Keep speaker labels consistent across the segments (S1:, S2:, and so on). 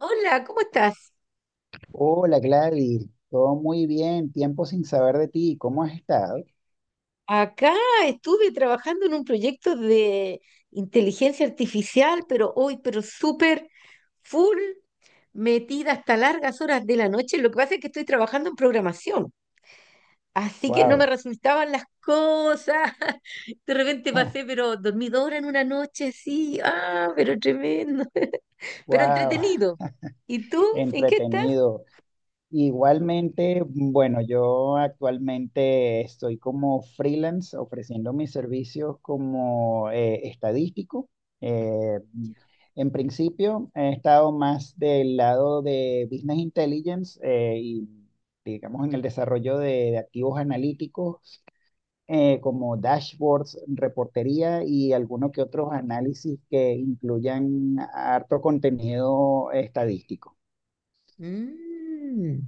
S1: Hola, ¿cómo estás?
S2: Hola Gladys, todo muy bien, tiempo sin saber de ti, ¿cómo has estado?
S1: Acá estuve trabajando en un proyecto de inteligencia artificial, pero hoy, pero súper full, metida hasta largas horas de la noche. Lo que pasa es que estoy trabajando en programación, así que no me
S2: Wow,
S1: resultaban las cosas. De repente pasé, pero dormí dos horas en una noche, sí, ah, pero tremendo, pero
S2: wow,
S1: entretenido. ¿Y tú? ¿En qué estás?
S2: entretenido. Igualmente, bueno, yo actualmente estoy como freelance ofreciendo mis servicios como estadístico. Eh, en principio he estado más del lado de Business Intelligence y digamos en el desarrollo de activos analíticos, como dashboards, reportería y algunos que otros análisis que incluyan harto contenido estadístico.
S1: Mm,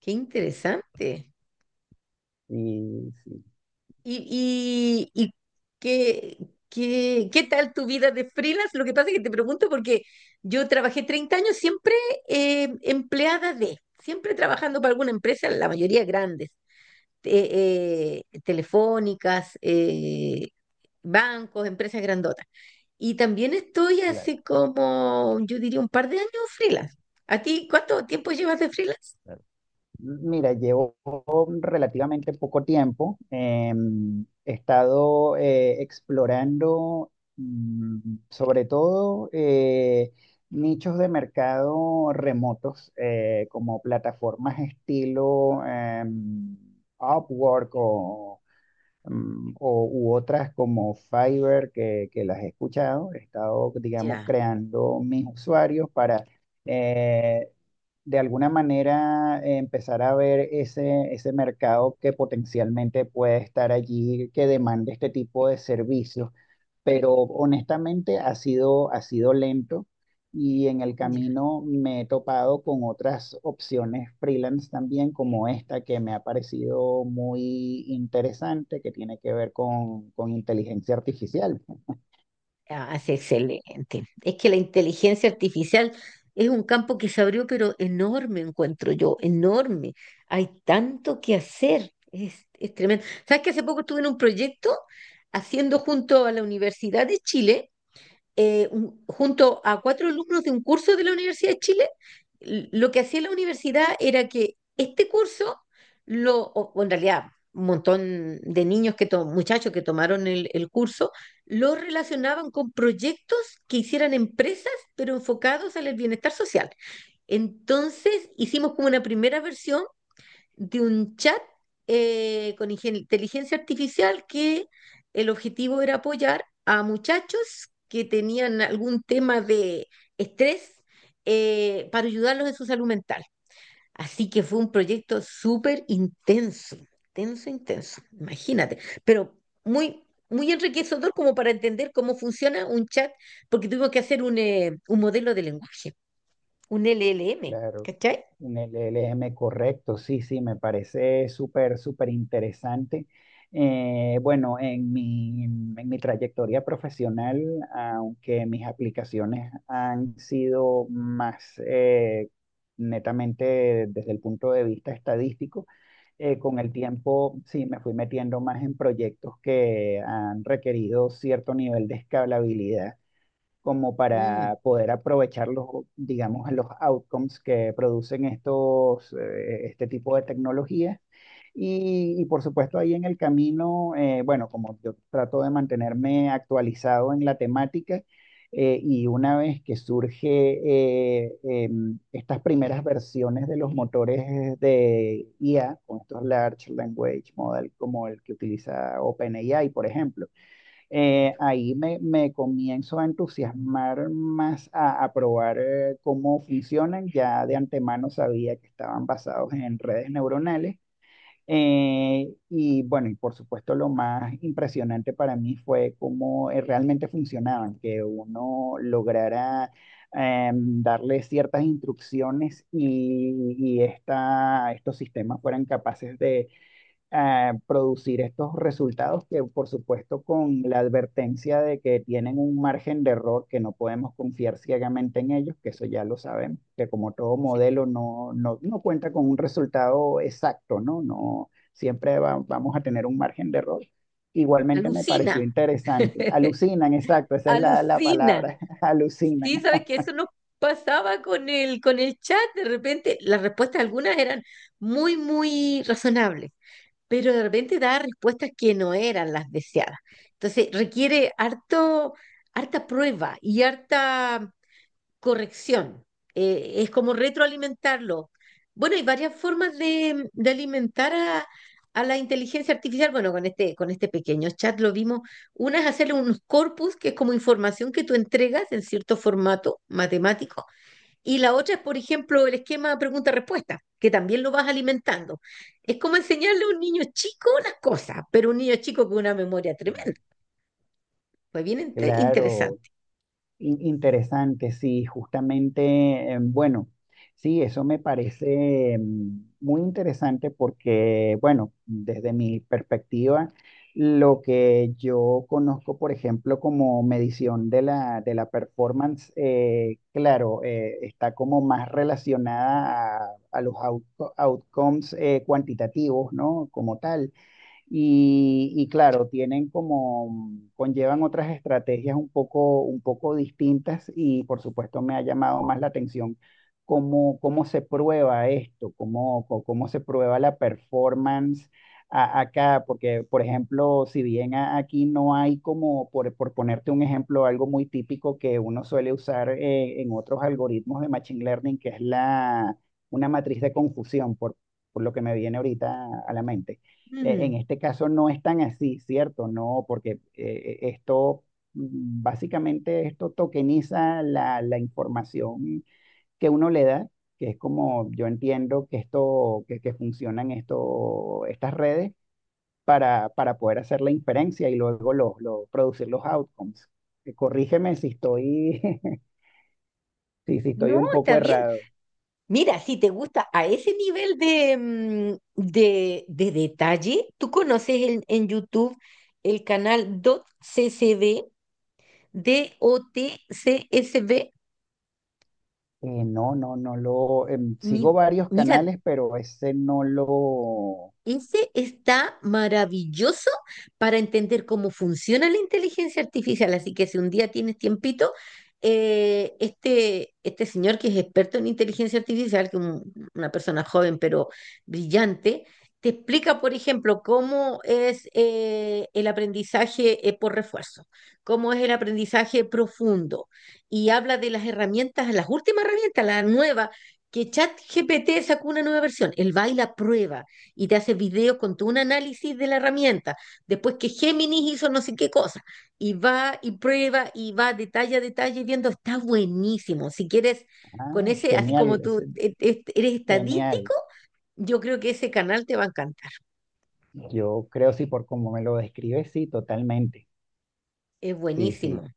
S1: qué interesante.
S2: Sí, sí,
S1: ¿Y qué, qué tal tu vida de freelance? Lo que pasa es que te pregunto porque yo trabajé 30 años siempre empleada de, siempre trabajando para alguna empresa, la mayoría grandes, telefónicas, bancos, empresas grandotas. Y también estoy
S2: claro,
S1: hace como, yo diría, un par de años freelance. ¿A ti cuánto tiempo llevas de freelance?
S2: claro. Mira, llevo relativamente poco tiempo. He estado explorando, mm, sobre todo nichos de mercado remotos, como plataformas estilo Upwork o u otras como Fiverr que las he escuchado. He estado, digamos,
S1: Ya,
S2: creando mis usuarios para eh, de alguna manera empezar a ver ese mercado que potencialmente puede estar allí, que demande este tipo de servicios. Pero honestamente ha sido lento y en el
S1: ya.
S2: camino me he topado con otras opciones freelance también, como esta que me ha parecido muy interesante, que tiene que ver con inteligencia artificial.
S1: Ah, sí, excelente. Es que la inteligencia artificial es un campo que se abrió, pero enorme, encuentro yo, enorme. Hay tanto que hacer, es tremendo. ¿Sabes que hace poco estuve en un proyecto haciendo junto a la Universidad de Chile junto a cuatro alumnos de un curso de la Universidad de Chile, lo que hacía la universidad era que este curso, o en realidad un montón de niños, muchachos que tomaron el curso, lo relacionaban con proyectos que hicieran empresas, pero enfocados al bienestar social. Entonces hicimos como una primera versión de un chat con inteligencia artificial que el objetivo era apoyar a muchachos que tenían algún tema de estrés para ayudarlos en su salud mental. Así que fue un proyecto súper intenso, intenso, intenso, imagínate, pero muy... Muy enriquecedor como para entender cómo funciona un chat, porque tuvimos que hacer un modelo de lenguaje, un LLM,
S2: Claro,
S1: ¿cachai?
S2: un LLM correcto, sí, sí, me parece súper, súper interesante. Bueno, en mi trayectoria profesional, aunque mis aplicaciones han sido más netamente desde el punto de vista estadístico, con el tiempo sí me fui metiendo más en proyectos que han requerido cierto nivel de escalabilidad como
S1: Mm,
S2: para poder aprovechar los, digamos, los outcomes que producen estos, este tipo de tecnologías. Y por supuesto ahí en el camino, bueno, como yo trato de mantenerme actualizado en la temática, y una vez que surge estas primeras versiones de los motores de IA, con estos Large Language Model como el que utiliza OpenAI, por ejemplo,
S1: claro.
S2: ahí me comienzo a entusiasmar más a probar cómo funcionan. Ya de antemano sabía que estaban basados en redes neuronales. Y bueno, y por supuesto lo más impresionante para mí fue cómo realmente funcionaban, que uno lograra darle ciertas instrucciones y estos sistemas fueran capaces de a producir estos resultados que, por supuesto, con la advertencia de que tienen un margen de error, que no podemos confiar ciegamente en ellos, que eso ya lo sabemos, que como todo modelo no cuenta con un resultado exacto, ¿no? No, siempre vamos a tener un margen de error. Igualmente me pareció
S1: Alucina.
S2: interesante. Alucinan, exacto, esa es la
S1: Alucina.
S2: palabra, alucinan.
S1: Sí, sabes que eso nos pasaba con el chat. De repente, las respuestas algunas eran muy, muy razonables, pero de repente daba respuestas que no eran las deseadas. Entonces, requiere harto, harta prueba y harta corrección, es como retroalimentarlo. Bueno, hay varias formas de alimentar a la inteligencia artificial. Bueno, con este pequeño chat lo vimos. Una es hacerle unos corpus, que es como información que tú entregas en cierto formato matemático. Y la otra es, por ejemplo, el esquema pregunta-respuesta, que también lo vas alimentando. Es como enseñarle a un niño chico las cosas, pero un niño chico con una memoria tremenda.
S2: Claro.
S1: Pues bien
S2: Claro,
S1: interesante.
S2: Interesante, sí, justamente, bueno, sí, eso me parece muy interesante porque, bueno, desde mi perspectiva, lo que yo conozco, por ejemplo, como medición de de la performance, claro, está como más relacionada a los outcomes cuantitativos, ¿no? Como tal y claro, tienen como, conllevan otras estrategias un poco distintas y por supuesto me ha llamado más la atención cómo, cómo se prueba esto, cómo se prueba la performance acá, porque por ejemplo, si bien aquí no hay como, por ponerte un ejemplo, algo muy típico que uno suele usar en otros algoritmos de Machine Learning, que es una matriz de confusión, por lo que me viene ahorita a la mente. En
S1: Mm.
S2: este caso no es tan así, ¿cierto? No, porque esto, básicamente esto tokeniza la información que uno le da, que es como yo entiendo que esto, que funcionan esto, estas redes para poder hacer la inferencia y luego producir los outcomes. Corrígeme si estoy, si, si estoy
S1: No,
S2: un poco
S1: está bien.
S2: errado.
S1: Mira, si te gusta a ese nivel de detalle, tú conoces en YouTube el canal c d o t DotCCB, DOTCSB.
S2: No, sigo
S1: Mi-
S2: varios
S1: Mira,
S2: canales, pero ese no lo...
S1: ese está maravilloso para entender cómo funciona la inteligencia artificial. Así que si un día tienes tiempito, este señor que es experto en inteligencia artificial, que una persona joven pero brillante, te explica, por ejemplo, cómo es el aprendizaje por refuerzo, cómo es el aprendizaje profundo. Y habla de las herramientas, las últimas herramientas, la nueva, que ChatGPT sacó una nueva versión, el baila prueba y te hace videos con todo un análisis de la herramienta. Después que Géminis hizo no sé qué cosa, y va y prueba y va detalle a detalle viendo, está buenísimo. Si quieres, con
S2: Ah,
S1: ese, así
S2: genial.
S1: como tú eres
S2: Genial.
S1: estadístico, yo creo que ese canal te va a encantar.
S2: Yo creo sí, por como me lo describes, sí, totalmente.
S1: Es
S2: Sí, sí.
S1: buenísimo.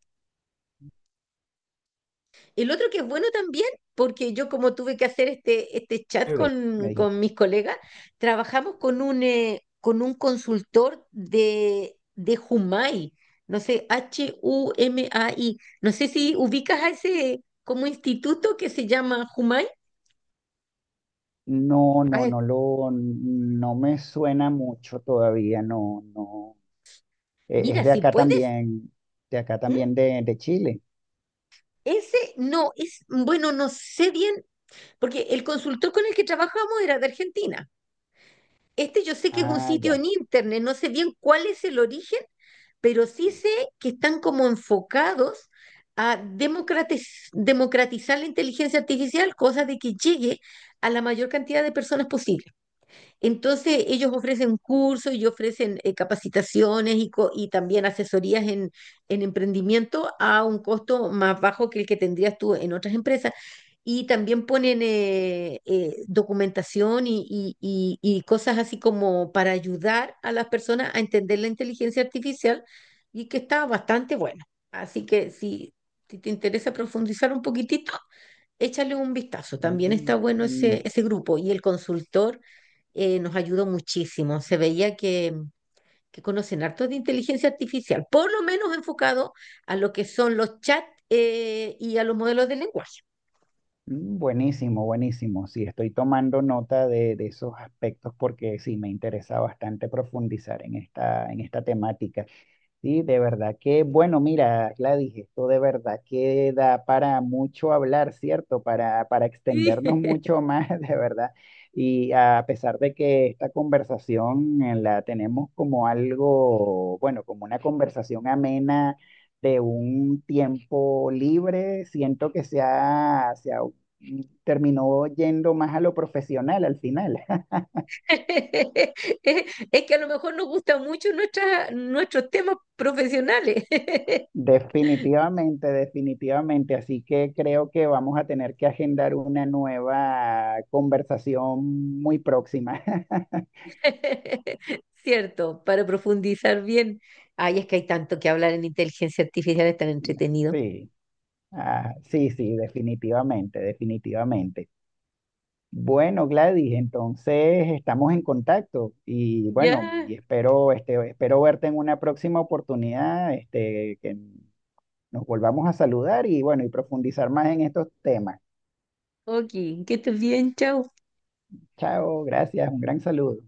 S1: El otro que es bueno también, porque yo como tuve que hacer este chat
S2: Bebé, me
S1: con
S2: dijiste.
S1: mis colegas, trabajamos con un consultor de Humai, no sé, Humai, no sé si ubicas a ese como instituto que se llama Humai.
S2: No,
S1: Ah,
S2: no me suena mucho todavía, no, no. Es
S1: mira,
S2: de
S1: si
S2: acá
S1: puedes,
S2: también, de acá
S1: ¿m?
S2: también de Chile.
S1: Ese no, es, bueno, no sé bien, porque el consultor con el que trabajamos era de Argentina. Este yo sé que es un
S2: Ah,
S1: sitio
S2: ya.
S1: en internet, no sé bien cuál es el origen, pero sí sé que están como enfocados a democratizar la inteligencia artificial, cosa de que llegue a la mayor cantidad de personas posible. Entonces, ellos ofrecen cursos y ofrecen capacitaciones y también asesorías en, emprendimiento a un costo más bajo que el que tendrías tú en otras empresas. Y también ponen documentación y cosas así como para ayudar a las personas a entender la inteligencia artificial y que está bastante bueno. Así que si, te interesa profundizar un poquitito, échale un vistazo. También
S2: Mm,
S1: está bueno
S2: mm,
S1: ese grupo y el consultor, nos ayudó muchísimo. Se veía que conocen harto de inteligencia artificial, por lo menos enfocado a lo que son los chats y a los modelos de lenguaje.
S2: mm, buenísimo, buenísimo. Sí, estoy tomando nota de esos aspectos porque sí, me interesa bastante profundizar en esta temática. Sí, de verdad que, bueno, mira, Gladys, esto de verdad que da para mucho hablar, ¿cierto? Para
S1: Sí.
S2: extendernos mucho más, de verdad. Y a pesar de que esta conversación la tenemos como algo, bueno, como una conversación amena de un tiempo libre, siento que terminó yendo más a lo profesional al final.
S1: Es es que a lo mejor nos gustan mucho nuestras, nuestros temas profesionales,
S2: Definitivamente, definitivamente. Así que creo que vamos a tener que agendar una nueva conversación muy próxima.
S1: ¿cierto? Para profundizar bien. Ay, es que hay tanto que hablar en inteligencia artificial, es tan entretenido.
S2: Sí, ah, sí, sí, definitivamente, definitivamente. Bueno, Gladys, entonces estamos en contacto y bueno,
S1: Ya.
S2: y espero, este, espero verte en una próxima oportunidad, este, que nos volvamos a saludar y bueno, y profundizar más en estos temas.
S1: Ok, que estés bien, chao.
S2: Chao, gracias, un gran saludo.